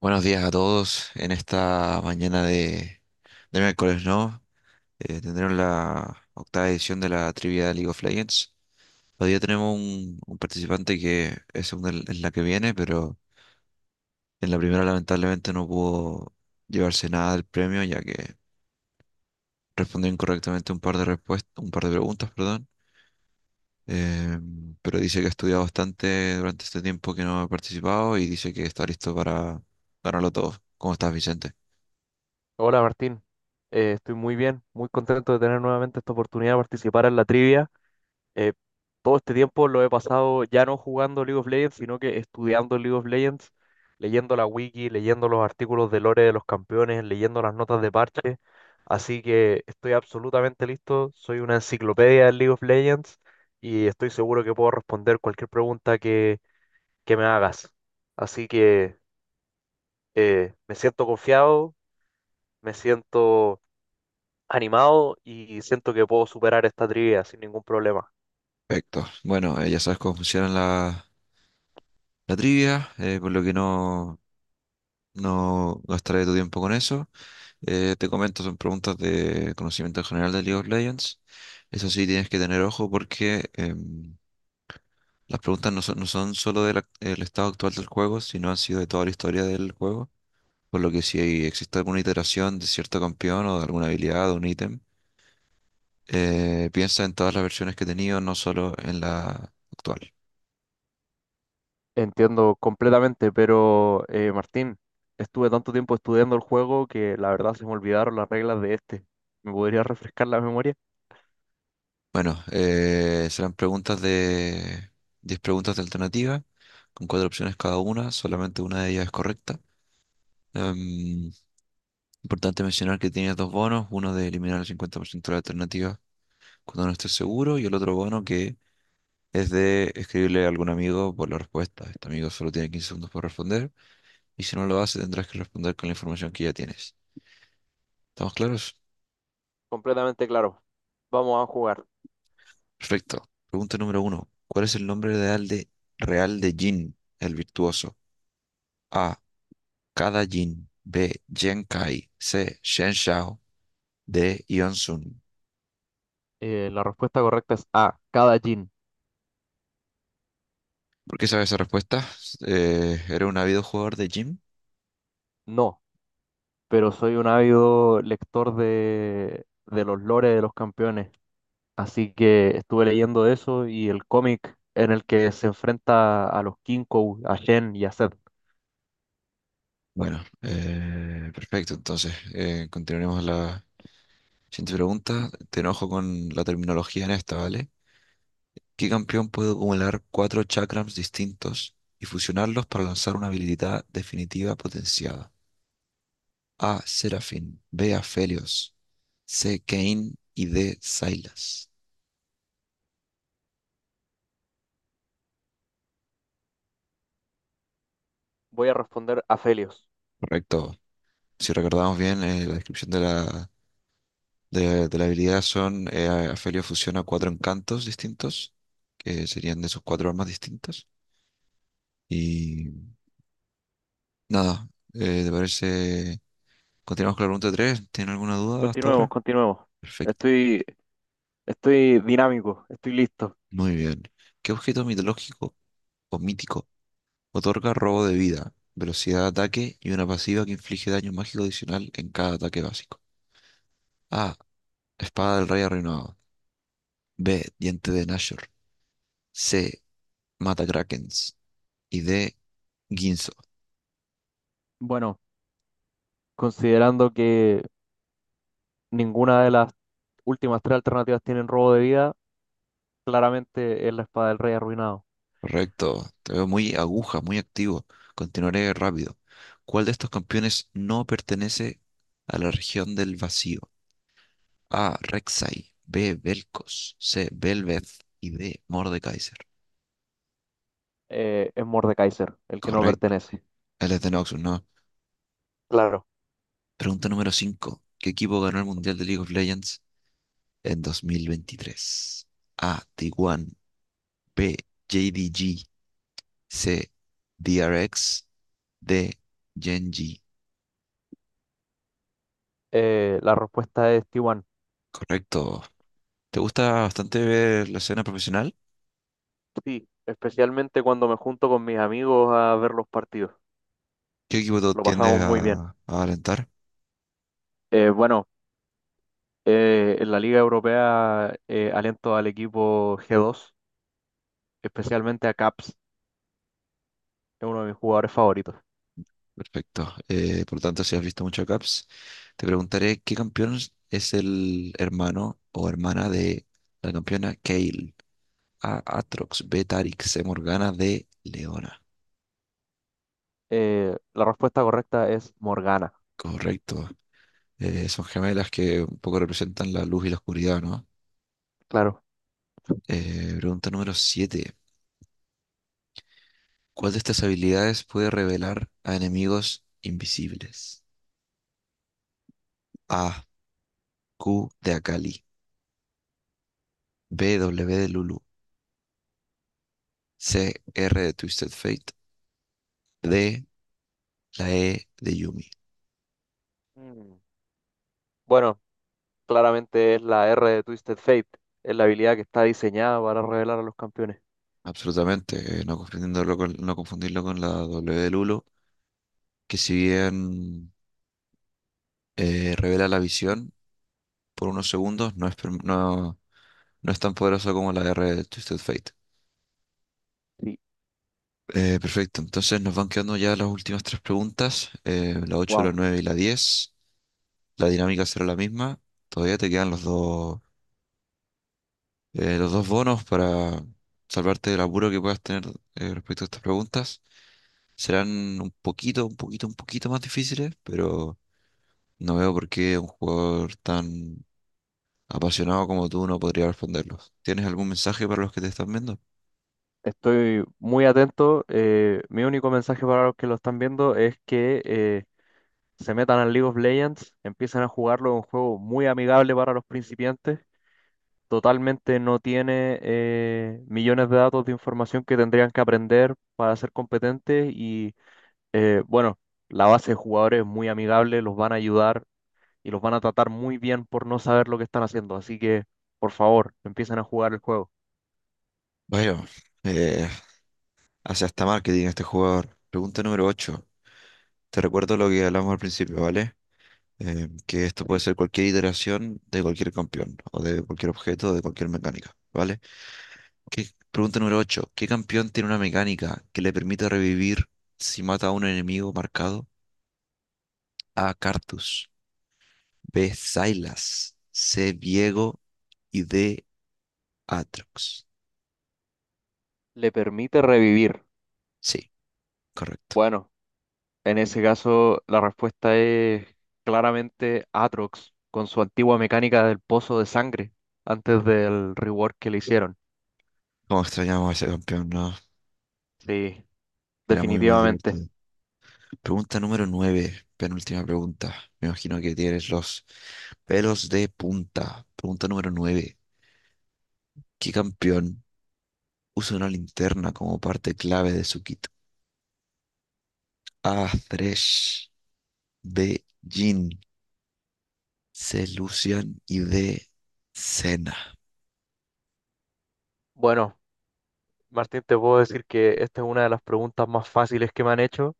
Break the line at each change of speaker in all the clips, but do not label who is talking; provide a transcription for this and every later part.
Buenos días a todos en esta mañana de miércoles, ¿no? Tendremos la octava edición de la trivia de League of Legends. Todavía tenemos un participante que es segunda en la que viene, pero en la primera lamentablemente no pudo llevarse nada del premio, ya que respondió incorrectamente un par de respuestas, un par de preguntas, perdón. Eh, pero dice que ha estudiado bastante durante este tiempo que no ha participado y dice que está listo para ganarlo todo. ¿Cómo estás, Vicente?
Hola Martín. Estoy muy bien, muy contento de tener nuevamente esta oportunidad de participar en la trivia. Eh, Todo este tiempo lo he pasado ya no jugando League of Legends, sino que estudiando League of Legends, leyendo la wiki, leyendo los artículos de lore de los campeones, leyendo las notas de parche. Así que estoy absolutamente listo, soy una enciclopedia de League of Legends y estoy seguro que puedo responder cualquier pregunta que me hagas. Así que me siento confiado, me siento animado y siento que puedo superar esta trivia sin ningún problema.
Perfecto. Bueno, ya sabes cómo funciona la trivia, por lo que no gastaré tu tiempo con eso. Te comento, son preguntas de conocimiento general de League of Legends. Eso sí, tienes que tener ojo porque las preguntas no son solo el estado actual del juego, sino han sido de toda la historia del juego. Por lo que si hay- existe alguna iteración de cierto campeón o de alguna habilidad o un ítem, piensa en todas las versiones que he tenido, no solo en la actual.
Entiendo completamente, pero Martín, estuve tanto tiempo estudiando el juego que la verdad se me olvidaron las reglas de este. ¿Me podrías refrescar la memoria?
Bueno, serán preguntas de 10 preguntas de alternativa, con cuatro opciones cada una, solamente una de ellas es correcta. Em, Importante mencionar que tienes dos bonos, uno de eliminar el 50% de la alternativa cuando no estés seguro y el otro bono que es de escribirle a algún amigo por la respuesta. Este amigo solo tiene 15 segundos para responder y si no lo hace tendrás que responder con la información que ya tienes. ¿Estamos claros?
Completamente claro. Vamos a jugar.
Perfecto. Pregunta número uno. ¿Cuál es el nombre real de Jin, el virtuoso? A. Kada Jin, B. Jen Kai, C. Shen Xiao, D. Ion Sun.
La respuesta correcta es A, cada Jin.
¿Por qué sabes esa respuesta? ¿Era un ávido jugador de gym?
No, pero soy un ávido lector de los lores de los campeones. Así que estuve leyendo eso y el cómic en el que se enfrenta a los Kinkou, a Shen y a Zed.
Bueno, perfecto. Entonces, continuaremos la siguiente pregunta. Te enojo con la terminología en esta, ¿vale? ¿Qué campeón puede acumular cuatro chakrams distintos y fusionarlos para lanzar una habilidad definitiva potenciada? A. Serafin, B. Aphelios, C. Kayn y D. Sylas.
Voy a responder a Felios.
Correcto. Si recordamos bien, la descripción de la habilidad son, Afelio fusiona cuatro encantos distintos, que serían de sus cuatro armas distintas. Y nada, ¿te parece? Continuamos con la pregunta 3. ¿Tiene alguna duda hasta
Continuemos,
ahora?
continuemos.
Perfecto.
Estoy, estoy dinámico, estoy listo.
Muy bien. ¿Qué objeto mitológico o mítico otorga robo de vida, velocidad de ataque y una pasiva que inflige daño mágico adicional en cada ataque básico? A. Espada del Rey Arruinado. B. Diente de Nashor. C. Mata Krakens. Y de Ginzo.
Bueno, considerando que ninguna de las últimas tres alternativas tienen robo de vida, claramente es la espada del rey arruinado.
Correcto. Te veo muy aguja, muy activo. Continuaré rápido. ¿Cuál de estos campeones no pertenece a la región del vacío? A. Rek'Sai. B. Vel'Koz. C. Belveth. Y D. Mordekaiser.
Es Mordekaiser, el que no
Correcto.
pertenece.
Él es de Noxus, ¿no?
Claro.
Pregunta número cinco. ¿Qué equipo ganó el Mundial de League of Legends en 2023? A. T1. B. JDG. C. DRX. D. Genji.
La respuesta es Tiwan.
Correcto. ¿Te gusta bastante ver la escena profesional?
Sí, especialmente cuando me junto con mis amigos a ver los partidos.
¿Qué equipo tú
Lo
tiendes
pasamos muy bien.
a alentar?
Eh, bueno, en la Liga Europea aliento al equipo G2, especialmente a Caps, es uno de mis jugadores favoritos.
Perfecto. Por lo tanto, si has visto mucho Caps, te preguntaré qué campeón es el hermano o hermana de la campeona Kayle. A. Atrox, B. Tarix, C. Morgana, D. Leona.
La respuesta correcta es Morgana,
Correcto. Son gemelas que un poco representan la luz y la oscuridad, ¿no?
claro.
Pregunta número 7. ¿Cuál de estas habilidades puede revelar a enemigos invisibles? A. Q de Akali. B, W de Lulu, C, R de Twisted Fate, D, la E de Yumi.
Mm. Bueno, claramente es la R de Twisted Fate, es la habilidad que está diseñada para revelar a los campeones.
Absolutamente, no confundirlo con la W de Lulu, que si bien revela la visión por unos segundos, no es tan poderosa como la R de Twisted Fate.
Sí,
Perfecto, entonces nos van quedando ya las últimas tres preguntas, la ocho, la
wow.
9 y la 10. La dinámica será la misma, todavía te quedan los dos bonos para salvarte del apuro que puedas tener respecto a estas preguntas serán un poquito, un poquito, un poquito más difíciles, pero no veo por qué un jugador tan apasionado como tú no podría responderlos. ¿Tienes algún mensaje para los que te están viendo?
Estoy muy atento. Mi único mensaje para los que lo están viendo es que se metan al League of Legends, empiecen a jugarlo, es un juego muy amigable para los principiantes, totalmente no tiene millones de datos de información que tendrían que aprender para ser competentes. Y eh, bueno, la base de jugadores es muy amigable, los van a ayudar y los van a tratar muy bien por no saber lo que están haciendo. Así que, por favor, empiecen a jugar el juego.
Bueno, eh, hace hasta marketing este jugador. Pregunta número ocho. Te recuerdo lo que hablamos al principio, ¿vale? Que esto puede
Sí.
ser cualquier iteración de cualquier campeón, o de cualquier objeto, o de cualquier mecánica, ¿vale? Pregunta número 8. ¿Qué campeón tiene una mecánica que le permite revivir si mata a un enemigo marcado? A. Cartus. B. Sylas. C. Viego. Y D. Atrox.
¿Le permite revivir?
Sí, correcto.
Bueno, en ese caso la respuesta es claramente Atrox, con su antigua mecánica del pozo de sangre antes del rework que le hicieron.
Cómo extrañamos a ese campeón, ¿no?
Sí,
Era muy, muy
definitivamente.
divertido. Pregunta número 9. Penúltima pregunta. Me imagino que tienes los pelos de punta. Pregunta número 9. ¿Qué campeón usa una linterna como parte clave de su kit? A. Thresh. B. Jin, C. Lucian y D. Cena.
Bueno, Martín, te puedo decir que esta es una de las preguntas más fáciles que me han hecho,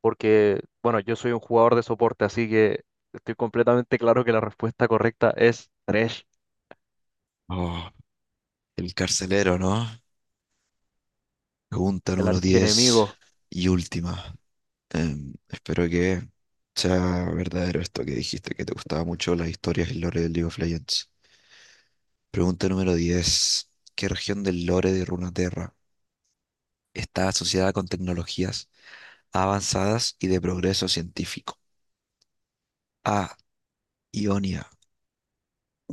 porque, bueno, yo soy un jugador de soporte, así que estoy completamente claro que la respuesta correcta es Thresh,
Oh, el carcelero, ¿no? Pregunta
el
número 10
archienemigo.
y última. Espero que sea verdadero esto que dijiste, que te gustaba mucho las historias y lore del League of Legends. Pregunta número 10. ¿Qué región del lore de Runeterra está asociada con tecnologías avanzadas y de progreso científico? A. Ionia.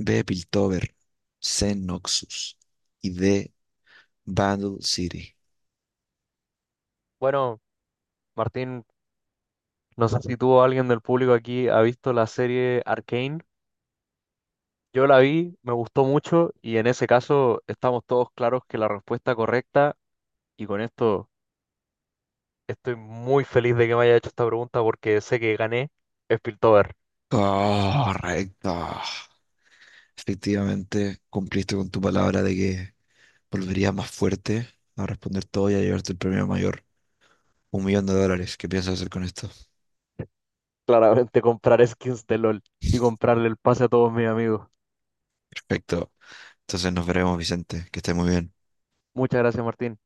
B. Piltover. C. Noxus. Y D. Battle City.
Bueno, Martín, no sé si tú o alguien del público aquí ha visto la serie Arcane. Yo la vi, me gustó mucho, y en ese caso estamos todos claros que la respuesta correcta, y con esto estoy muy feliz de que me haya hecho esta pregunta porque sé que gané, es Piltover.
Correcto. Efectivamente, cumpliste con tu palabra de que volverías más fuerte a responder todo y a llevarte el premio mayor. $1.000.000. ¿Qué piensas hacer con esto?
Claramente comprar skins de LOL y comprarle el pase a todos mis amigos.
Perfecto. Entonces nos veremos, Vicente. Que estés muy bien.
Muchas gracias, Martín.